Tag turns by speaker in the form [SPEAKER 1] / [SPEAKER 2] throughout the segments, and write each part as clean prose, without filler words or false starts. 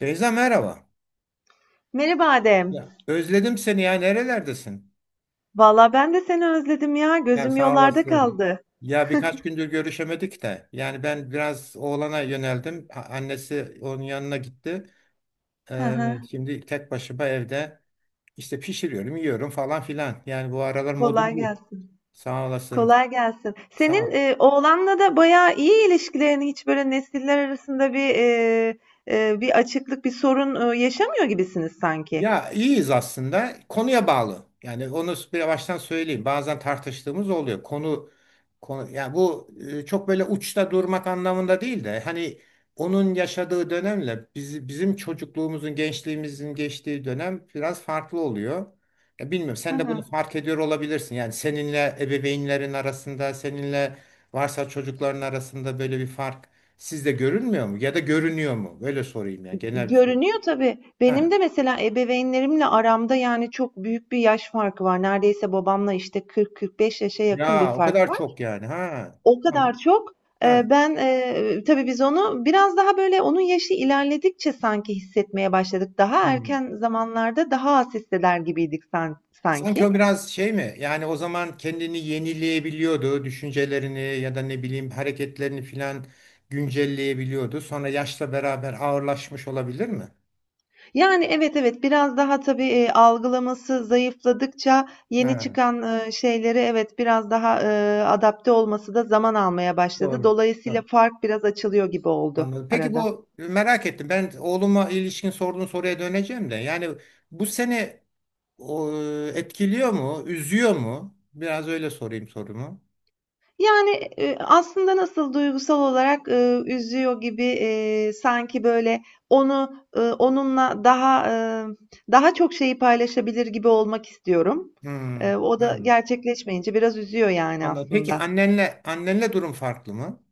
[SPEAKER 1] Beyza, merhaba.
[SPEAKER 2] Merhaba Adem.
[SPEAKER 1] Ya. Özledim seni, ya nerelerdesin?
[SPEAKER 2] Valla ben de seni özledim ya.
[SPEAKER 1] Yani
[SPEAKER 2] Gözüm
[SPEAKER 1] sağ
[SPEAKER 2] yollarda
[SPEAKER 1] olasın.
[SPEAKER 2] kaldı.
[SPEAKER 1] Ya birkaç gündür görüşemedik de. Yani ben biraz oğlana yöneldim. Annesi onun yanına gitti.
[SPEAKER 2] Hı
[SPEAKER 1] Ee,
[SPEAKER 2] hı.
[SPEAKER 1] Şimdi tek başıma evde işte pişiriyorum, yiyorum falan filan. Yani bu aralar modum
[SPEAKER 2] Kolay
[SPEAKER 1] bu.
[SPEAKER 2] gelsin.
[SPEAKER 1] Sağ olasın.
[SPEAKER 2] Kolay gelsin. Senin
[SPEAKER 1] Sağ.
[SPEAKER 2] oğlanla da bayağı iyi ilişkilerin hiç böyle nesiller arasında bir açıklık, bir sorun yaşamıyor gibisiniz sanki.
[SPEAKER 1] Ya iyiyiz aslında. Konuya bağlı. Yani onu bir baştan söyleyeyim. Bazen tartıştığımız oluyor. Konu yani bu çok böyle uçta durmak anlamında değil de hani onun yaşadığı dönemle bizim çocukluğumuzun, gençliğimizin geçtiği dönem biraz farklı oluyor. Ya bilmiyorum,
[SPEAKER 2] Hı
[SPEAKER 1] sen de bunu
[SPEAKER 2] hı.
[SPEAKER 1] fark ediyor olabilirsin. Yani seninle ebeveynlerin arasında, seninle varsa çocukların arasında böyle bir fark sizde görünmüyor mu? Ya da görünüyor mu? Böyle sorayım, yani genel bir soru.
[SPEAKER 2] Görünüyor tabii. Benim
[SPEAKER 1] Ha.
[SPEAKER 2] de mesela ebeveynlerimle aramda yani çok büyük bir yaş farkı var. Neredeyse babamla işte 40-45 yaşa yakın bir
[SPEAKER 1] Ya o
[SPEAKER 2] fark
[SPEAKER 1] kadar
[SPEAKER 2] var.
[SPEAKER 1] çok, yani. Ha.
[SPEAKER 2] O
[SPEAKER 1] Tamam.
[SPEAKER 2] kadar çok.
[SPEAKER 1] Ha.
[SPEAKER 2] Ben, tabii biz onu biraz daha böyle onun yaşı ilerledikçe sanki hissetmeye başladık. Daha
[SPEAKER 1] Hmm.
[SPEAKER 2] erken zamanlarda daha az hisseder gibiydik san
[SPEAKER 1] Sanki o
[SPEAKER 2] sanki.
[SPEAKER 1] biraz şey mi? Yani o zaman kendini yenileyebiliyordu. Düşüncelerini ya da ne bileyim hareketlerini filan güncelleyebiliyordu. Sonra yaşla beraber ağırlaşmış olabilir mi?
[SPEAKER 2] Yani, evet, evet, biraz daha tabii, algılaması zayıfladıkça yeni
[SPEAKER 1] Ha.
[SPEAKER 2] çıkan, şeylere evet, biraz daha, adapte olması da zaman almaya başladı.
[SPEAKER 1] Doğru.
[SPEAKER 2] Dolayısıyla
[SPEAKER 1] Doğru.
[SPEAKER 2] fark biraz açılıyor gibi oldu
[SPEAKER 1] Anladım. Peki
[SPEAKER 2] arada.
[SPEAKER 1] bu, merak ettim. Ben oğluma ilişkin sorduğun soruya döneceğim de. Yani bu seni o, etkiliyor mu? Üzüyor mu? Biraz öyle sorayım sorumu.
[SPEAKER 2] Yani, aslında nasıl duygusal olarak, üzüyor gibi, sanki böyle onunla ımm, daha çok şeyi paylaşabilir gibi olmak istiyorum.
[SPEAKER 1] Hmm.
[SPEAKER 2] O da
[SPEAKER 1] Yani.
[SPEAKER 2] gerçekleşmeyince biraz üzüyor yani
[SPEAKER 1] Anladım. Peki
[SPEAKER 2] aslında.
[SPEAKER 1] annenle durum farklı mı?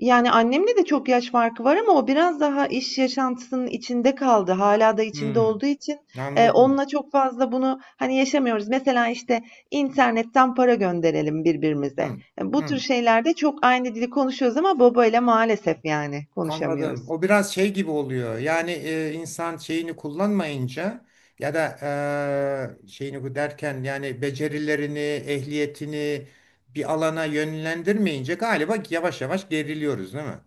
[SPEAKER 2] Yani, annemle de çok yaş farkı var ama o biraz daha iş yaşantısının içinde kaldı. Hala da içinde
[SPEAKER 1] Hmm,
[SPEAKER 2] olduğu için,
[SPEAKER 1] anladım.
[SPEAKER 2] onunla çok fazla bunu, hani, yaşamıyoruz. Mesela, işte, internetten para gönderelim birbirimize.
[SPEAKER 1] Hmm,
[SPEAKER 2] Bu tür
[SPEAKER 1] hmm,
[SPEAKER 2] şeylerde çok aynı dili konuşuyoruz ama babayla maalesef, yani,
[SPEAKER 1] anladım.
[SPEAKER 2] konuşamıyoruz.
[SPEAKER 1] O biraz şey gibi oluyor. Yani insan şeyini kullanmayınca ya da şeyini, bu derken yani becerilerini, ehliyetini bir alana yönlendirmeyince galiba yavaş yavaş geriliyoruz, değil mi?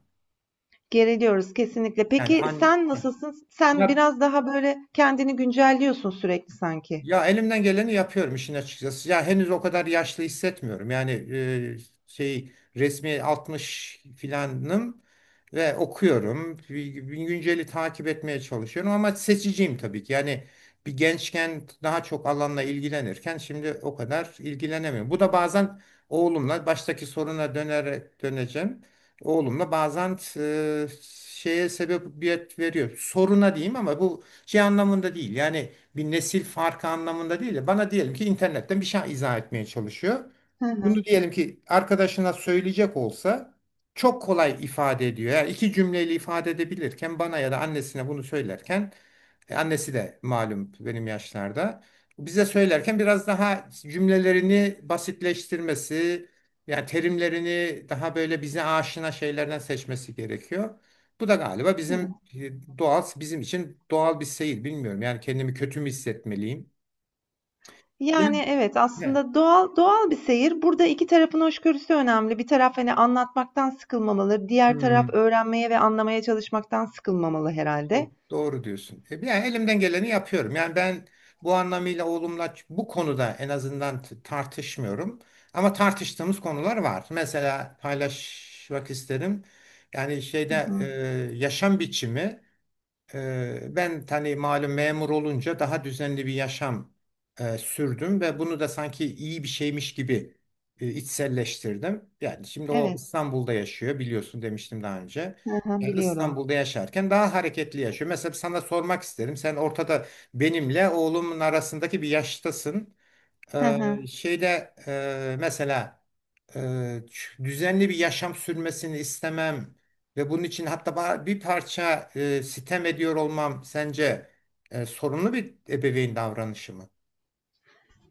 [SPEAKER 2] Geriliyoruz kesinlikle.
[SPEAKER 1] Yani
[SPEAKER 2] Peki sen nasılsın? Sen
[SPEAKER 1] ya
[SPEAKER 2] biraz daha, böyle, kendini güncelliyorsun sürekli sanki.
[SPEAKER 1] ya elimden geleni yapıyorum işin açıkçası. Ya henüz o kadar yaşlı hissetmiyorum. Yani şey resmi 60 filanım ve okuyorum. Bir Günceli takip etmeye çalışıyorum ama seçiciyim tabii ki. Yani bir gençken daha çok alanla ilgilenirken şimdi o kadar ilgilenemiyorum. Bu da bazen oğlumla baştaki soruna dönerek döneceğim. Oğlumla bazen şeye sebebiyet veriyor. Soruna diyeyim ama bu şey anlamında değil. Yani bir nesil farkı anlamında değil de bana diyelim ki internetten bir şey izah etmeye çalışıyor.
[SPEAKER 2] Hı
[SPEAKER 1] Bunu
[SPEAKER 2] hı.
[SPEAKER 1] diyelim ki arkadaşına söyleyecek olsa çok kolay ifade ediyor. Yani iki cümleyle ifade edebilirken bana ya da annesine bunu söylerken annesi de malum benim yaşlarda bize söylerken biraz daha cümlelerini basitleştirmesi, yani terimlerini daha böyle bize aşina şeylerden seçmesi gerekiyor. Bu da galiba bizim doğal, bizim için doğal bir seyir. Bilmiyorum, yani kendimi kötü mü hissetmeliyim? Yani.
[SPEAKER 2] Yani, evet,
[SPEAKER 1] Ne?
[SPEAKER 2] aslında doğal doğal bir seyir. Burada 2 tarafın hoşgörüsü önemli. Bir taraf, hani, anlatmaktan sıkılmamalı, diğer taraf
[SPEAKER 1] Hmm.
[SPEAKER 2] öğrenmeye ve anlamaya çalışmaktan sıkılmamalı herhalde.
[SPEAKER 1] Doğru, doğru diyorsun. Yani elimden geleni yapıyorum. Yani ben bu anlamıyla oğlumla bu konuda en azından tartışmıyorum. Ama tartıştığımız konular var. Mesela paylaşmak isterim. Yani
[SPEAKER 2] Hı
[SPEAKER 1] şeyde
[SPEAKER 2] hı.
[SPEAKER 1] yaşam biçimi. Ben hani malum memur olunca daha düzenli bir yaşam sürdüm ve bunu da sanki iyi bir şeymiş gibi içselleştirdim. Yani şimdi o
[SPEAKER 2] Evet.
[SPEAKER 1] İstanbul'da yaşıyor, biliyorsun, demiştim daha önce.
[SPEAKER 2] Hı hı,
[SPEAKER 1] Yani
[SPEAKER 2] biliyorum.
[SPEAKER 1] İstanbul'da yaşarken daha hareketli yaşıyor. Mesela sana sormak isterim. Sen ortada, benimle oğlumun arasındaki bir yaştasın.
[SPEAKER 2] Hı hı.
[SPEAKER 1] Şeyde mesela düzenli bir yaşam sürmesini istemem ve bunun için hatta bir parça sitem ediyor olmam sence sorunlu bir ebeveyn davranışı mı?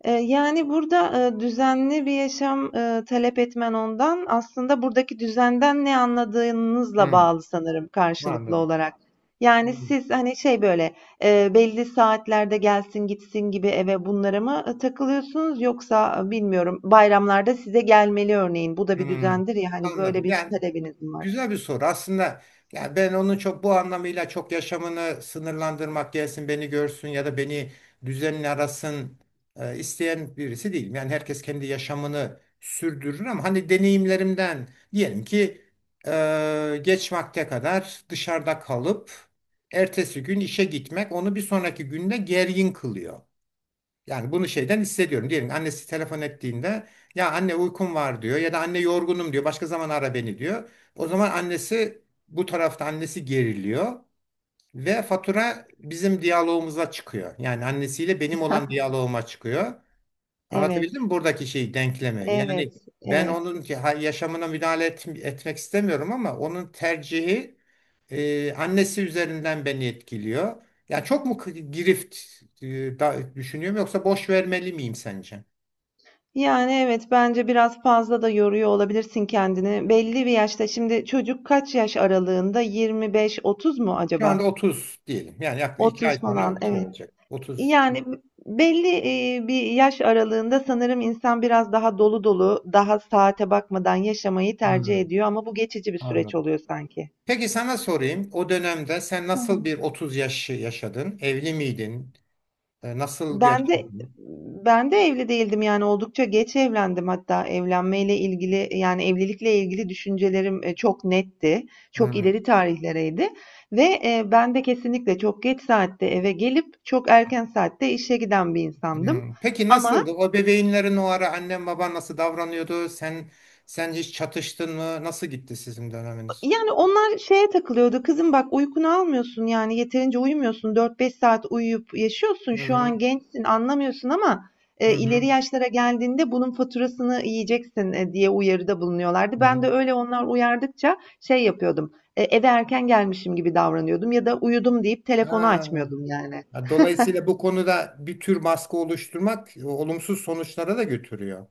[SPEAKER 2] Yani, burada, düzenli bir yaşam, talep etmen ondan aslında buradaki düzenden ne anladığınızla
[SPEAKER 1] Hmm,
[SPEAKER 2] bağlı sanırım karşılıklı
[SPEAKER 1] anladım.
[SPEAKER 2] olarak. Yani,
[SPEAKER 1] Hmm,
[SPEAKER 2] siz, hani, şey, böyle, belli saatlerde gelsin gitsin gibi eve bunlara mı, takılıyorsunuz yoksa, bilmiyorum, bayramlarda size gelmeli örneğin. Bu da bir
[SPEAKER 1] hmm,
[SPEAKER 2] düzendir ya, hani, böyle
[SPEAKER 1] anladım.
[SPEAKER 2] bir
[SPEAKER 1] Yani
[SPEAKER 2] talebiniz mi var?
[SPEAKER 1] güzel bir soru. Aslında yani ben onun çok bu anlamıyla çok yaşamını sınırlandırmak, gelsin beni görsün ya da beni düzenle arasın isteyen birisi değilim. Yani herkes kendi yaşamını sürdürür, ama hani deneyimlerimden diyelim ki geç vakte kadar dışarıda kalıp ertesi gün işe gitmek onu bir sonraki günde gergin kılıyor. Yani bunu şeyden hissediyorum. Diyelim annesi telefon ettiğinde ya anne uykum var diyor ya da anne yorgunum diyor. Başka zaman ara beni diyor. O zaman annesi, bu tarafta annesi geriliyor ve fatura bizim diyalogumuza çıkıyor. Yani annesiyle benim olan diyaloguma çıkıyor. Anlatabildim mi
[SPEAKER 2] Evet,
[SPEAKER 1] buradaki şey denklemi? Yani
[SPEAKER 2] evet,
[SPEAKER 1] ben
[SPEAKER 2] evet.
[SPEAKER 1] onun yaşamına etmek istemiyorum, ama onun tercihi annesi üzerinden beni etkiliyor. Ya çok mu girift düşünüyorum, yoksa boş vermeli miyim sence?
[SPEAKER 2] Yani evet bence biraz fazla da yoruyor olabilirsin kendini. Belli bir yaşta şimdi çocuk kaç yaş aralığında? 25-30 mu
[SPEAKER 1] Şu anda
[SPEAKER 2] acaba?
[SPEAKER 1] 30 diyelim. Yani yaklaşık 2 ay
[SPEAKER 2] 30 falan
[SPEAKER 1] sonra şey
[SPEAKER 2] evet.
[SPEAKER 1] olacak. 30.
[SPEAKER 2] Yani belli bir yaş aralığında sanırım insan biraz daha dolu dolu, daha saate bakmadan yaşamayı tercih
[SPEAKER 1] Hmm,
[SPEAKER 2] ediyor ama bu geçici bir süreç
[SPEAKER 1] anladım.
[SPEAKER 2] oluyor sanki.
[SPEAKER 1] Peki sana sorayım. O dönemde sen nasıl bir 30 yaşı yaşadın? Evli miydin? Nasıl
[SPEAKER 2] Ben de
[SPEAKER 1] yaşıyordun?
[SPEAKER 2] ben de evli değildim yani oldukça geç evlendim hatta evlenmeyle ilgili yani evlilikle ilgili düşüncelerim çok netti. Çok
[SPEAKER 1] Hmm.
[SPEAKER 2] ileri tarihlereydi ve ben de kesinlikle çok geç saatte eve gelip çok erken saatte işe giden bir insandım.
[SPEAKER 1] Hmm. Peki
[SPEAKER 2] Ama
[SPEAKER 1] nasıldı? O bebeğinlerin o ara annen baban nasıl davranıyordu? Sen hiç çatıştın mı? Nasıl gitti sizin döneminiz?
[SPEAKER 2] Yani onlar şeye takılıyordu. Kızım bak uykunu almıyorsun yani yeterince uyumuyorsun. Dört beş saat uyuyup yaşıyorsun.
[SPEAKER 1] Hı
[SPEAKER 2] Şu
[SPEAKER 1] hı.
[SPEAKER 2] an gençsin anlamıyorsun ama
[SPEAKER 1] Hı
[SPEAKER 2] ileri
[SPEAKER 1] hı.
[SPEAKER 2] yaşlara geldiğinde bunun faturasını yiyeceksin diye uyarıda bulunuyorlardı.
[SPEAKER 1] Hı.
[SPEAKER 2] Ben de öyle onlar uyardıkça şey yapıyordum. Eve erken gelmişim gibi davranıyordum ya da uyudum deyip telefonu
[SPEAKER 1] Ha.
[SPEAKER 2] açmıyordum yani.
[SPEAKER 1] Ha, dolayısıyla bu konuda bir tür baskı oluşturmak olumsuz sonuçlara da götürüyor.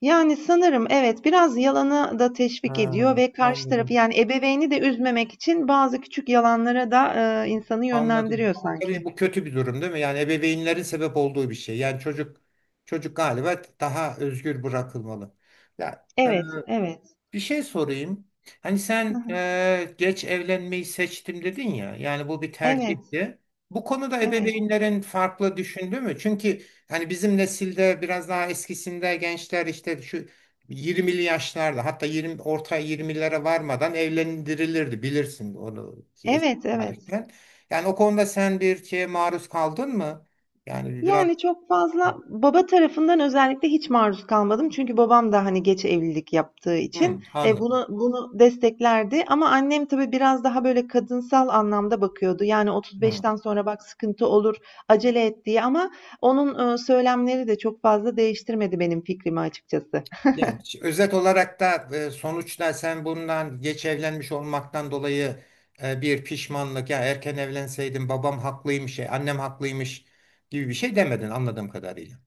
[SPEAKER 2] Yani sanırım evet biraz yalanı da teşvik
[SPEAKER 1] Ha,
[SPEAKER 2] ediyor ve karşı tarafı
[SPEAKER 1] anladım.
[SPEAKER 2] yani ebeveyni de üzmemek için bazı küçük yalanlara da insanı
[SPEAKER 1] Anladım.
[SPEAKER 2] yönlendiriyor
[SPEAKER 1] Tabii
[SPEAKER 2] sanki.
[SPEAKER 1] bu kötü bir durum, değil mi? Yani ebeveynlerin sebep olduğu bir şey. Yani çocuk galiba daha özgür bırakılmalı. Ya e,
[SPEAKER 2] Evet, evet.
[SPEAKER 1] Bir şey sorayım. Hani
[SPEAKER 2] Hı
[SPEAKER 1] sen
[SPEAKER 2] hı.
[SPEAKER 1] geç evlenmeyi seçtim dedin ya. Yani bu bir
[SPEAKER 2] Evet,
[SPEAKER 1] tercihti. Bu konuda
[SPEAKER 2] evet.
[SPEAKER 1] ebeveynlerin farklı düşündü mü? Çünkü hani bizim nesilde biraz daha eskisinde gençler işte şu 20'li yaşlarda, hatta 20, orta 20'lere varmadan evlendirilirdi. Bilirsin onu ki eski
[SPEAKER 2] Evet, evet.
[SPEAKER 1] tarihten. Yani o konuda sen bir şeye maruz kaldın mı? Yani biraz.
[SPEAKER 2] Yani çok fazla baba tarafından özellikle hiç maruz kalmadım. Çünkü babam da hani geç evlilik yaptığı için
[SPEAKER 1] Hı, anladım.
[SPEAKER 2] bunu desteklerdi. Ama annem tabii biraz daha böyle kadınsal anlamda bakıyordu. Yani
[SPEAKER 1] Hı.
[SPEAKER 2] 35'ten sonra bak sıkıntı olur, acele et diye. Ama onun söylemleri de çok fazla değiştirmedi benim fikrimi açıkçası.
[SPEAKER 1] Yani özet olarak da sonuçta sen bundan geç evlenmiş olmaktan dolayı bir pişmanlık, ya erken evlenseydim babam haklıymış, annem haklıymış gibi bir şey demedin anladığım kadarıyla.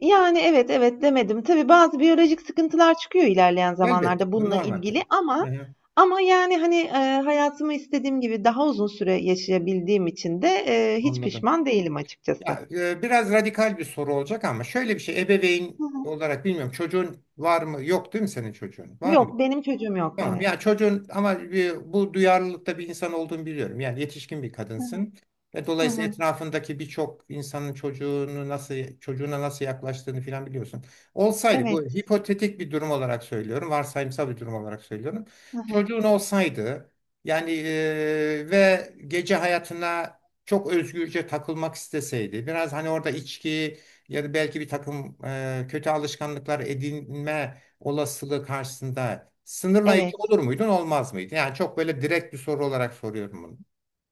[SPEAKER 2] Yani, evet, evet demedim. Tabii bazı biyolojik sıkıntılar çıkıyor ilerleyen zamanlarda
[SPEAKER 1] Elbette bu
[SPEAKER 2] bununla
[SPEAKER 1] normal
[SPEAKER 2] ilgili
[SPEAKER 1] tabii.
[SPEAKER 2] ama
[SPEAKER 1] Hı-hı,
[SPEAKER 2] ama, yani, hani, hayatımı istediğim gibi daha uzun süre yaşayabildiğim için de, hiç
[SPEAKER 1] anladım.
[SPEAKER 2] pişman değilim açıkçası.
[SPEAKER 1] Ya biraz radikal bir soru olacak ama şöyle bir şey, ebeveyn
[SPEAKER 2] Hı hı.
[SPEAKER 1] olarak, bilmiyorum çocuğun var mı yok, değil mi, senin çocuğun var mı?
[SPEAKER 2] Yok, benim çocuğum yok,
[SPEAKER 1] Tamam.
[SPEAKER 2] evet.
[SPEAKER 1] Ya çocuğun, ama bu duyarlılıkta bir insan olduğunu biliyorum. Yani yetişkin bir kadınsın. Ve
[SPEAKER 2] Hı
[SPEAKER 1] dolayısıyla
[SPEAKER 2] hı.
[SPEAKER 1] etrafındaki birçok insanın çocuğunu nasıl çocuğuna nasıl yaklaştığını filan biliyorsun. Olsaydı, bu
[SPEAKER 2] Evet.
[SPEAKER 1] hipotetik bir durum olarak söylüyorum. Varsayımsal bir durum olarak söylüyorum.
[SPEAKER 2] Hı hı.
[SPEAKER 1] Çocuğun olsaydı yani ve gece hayatına çok özgürce takılmak isteseydi. Biraz hani orada içki ya da belki bir takım kötü alışkanlıklar edinme olasılığı karşısında sınırlayıcı
[SPEAKER 2] Evet.
[SPEAKER 1] olur muydun, olmaz mıydı? Yani çok böyle direkt bir soru olarak soruyorum bunu.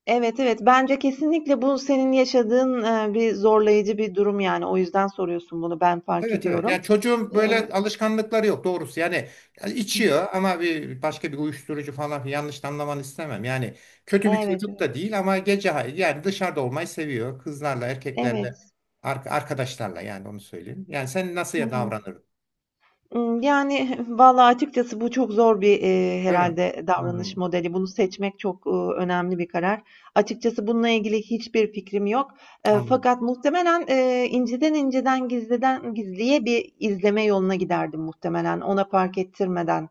[SPEAKER 2] Evet, evet. Bence kesinlikle bu senin yaşadığın, bir zorlayıcı bir durum, yani. O yüzden soruyorsun bunu, ben fark
[SPEAKER 1] Evet, evet.
[SPEAKER 2] ediyorum.
[SPEAKER 1] Yani çocuğun böyle
[SPEAKER 2] Eee
[SPEAKER 1] alışkanlıkları yok doğrusu. Yani yani içiyor, ama bir başka bir uyuşturucu falan filan, yanlış anlamanı istemem. Yani kötü bir
[SPEAKER 2] Evet,
[SPEAKER 1] çocuk da
[SPEAKER 2] evet.
[SPEAKER 1] değil, ama yani dışarıda olmayı seviyor. Kızlarla, erkeklerle,
[SPEAKER 2] Evet.
[SPEAKER 1] arkadaşlarla, yani onu söyleyeyim. Yani sen nasıl
[SPEAKER 2] Hı
[SPEAKER 1] ya
[SPEAKER 2] hı.
[SPEAKER 1] davranırdın,
[SPEAKER 2] Yani, vallahi açıkçası bu çok zor bir,
[SPEAKER 1] değil mi?
[SPEAKER 2] herhâlde
[SPEAKER 1] Hmm,
[SPEAKER 2] davranış modeli. Bunu seçmek çok, önemli bir karar. Açıkçası bununla ilgili hiçbir fikrim yok. Eee,
[SPEAKER 1] anladım.
[SPEAKER 2] fakat muhtemelen, inceden inceden gizliden gizliye bir izleme yoluna giderdim muhtemelen, ona fark ettirmeden,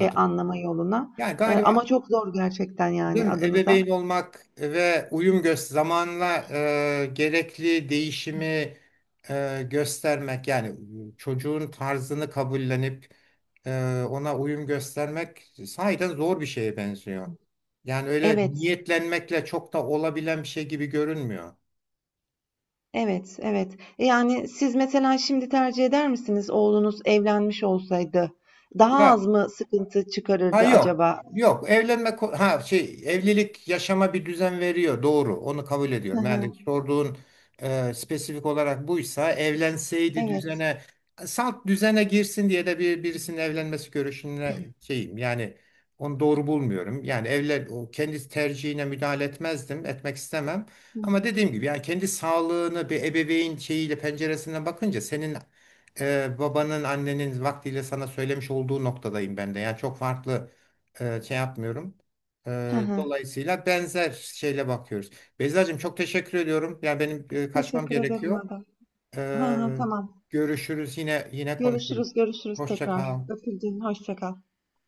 [SPEAKER 2] anlama yoluna.
[SPEAKER 1] Yani
[SPEAKER 2] Ama
[SPEAKER 1] galiba,
[SPEAKER 2] çok zor gerçekten
[SPEAKER 1] değil
[SPEAKER 2] yani
[SPEAKER 1] mi, ebeveyn
[SPEAKER 2] adınıza.
[SPEAKER 1] olmak ve uyum göz zamanla gerekli değişimi göstermek, yani çocuğun tarzını kabullenip ona uyum göstermek sahiden zor bir şeye benziyor. Yani öyle
[SPEAKER 2] Evet.
[SPEAKER 1] niyetlenmekle çok da olabilen bir şey gibi görünmüyor.
[SPEAKER 2] Evet, evet. Yani siz mesela şimdi tercih eder misiniz oğlunuz evlenmiş olsaydı? Daha
[SPEAKER 1] Ya
[SPEAKER 2] az mı sıkıntı
[SPEAKER 1] Ha
[SPEAKER 2] çıkarırdı
[SPEAKER 1] yok.
[SPEAKER 2] acaba?
[SPEAKER 1] Yok, evlenme ko- ha şey, evlilik yaşama bir düzen veriyor, doğru, onu kabul
[SPEAKER 2] Hı
[SPEAKER 1] ediyorum.
[SPEAKER 2] hı,
[SPEAKER 1] Yani sorduğun spesifik olarak buysa, evlenseydi
[SPEAKER 2] evet.
[SPEAKER 1] düzene, salt düzene girsin diye de bir birisinin evlenmesi görüşüne şeyim yani, onu doğru bulmuyorum. Yani evlen, o kendi tercihine müdahale etmezdim etmek istemem.
[SPEAKER 2] Hı
[SPEAKER 1] Ama
[SPEAKER 2] hı.
[SPEAKER 1] dediğim gibi, yani kendi sağlığını bir ebeveyn şeyiyle, penceresinden bakınca senin babanın annenin vaktiyle sana söylemiş olduğu noktadayım ben de. Yani çok farklı şey yapmıyorum.
[SPEAKER 2] Hı hı.
[SPEAKER 1] Dolayısıyla benzer şeyle bakıyoruz. Beyzacığım, çok teşekkür ediyorum. Yani benim kaçmam
[SPEAKER 2] Teşekkür ederim
[SPEAKER 1] gerekiyor.
[SPEAKER 2] Adem. Hı hı,
[SPEAKER 1] E,
[SPEAKER 2] tamam.
[SPEAKER 1] Görüşürüz, yine konuşuruz.
[SPEAKER 2] Görüşürüz, görüşürüz
[SPEAKER 1] Hoşça
[SPEAKER 2] tekrar.
[SPEAKER 1] kal.
[SPEAKER 2] Öpüldün, hoşça kal.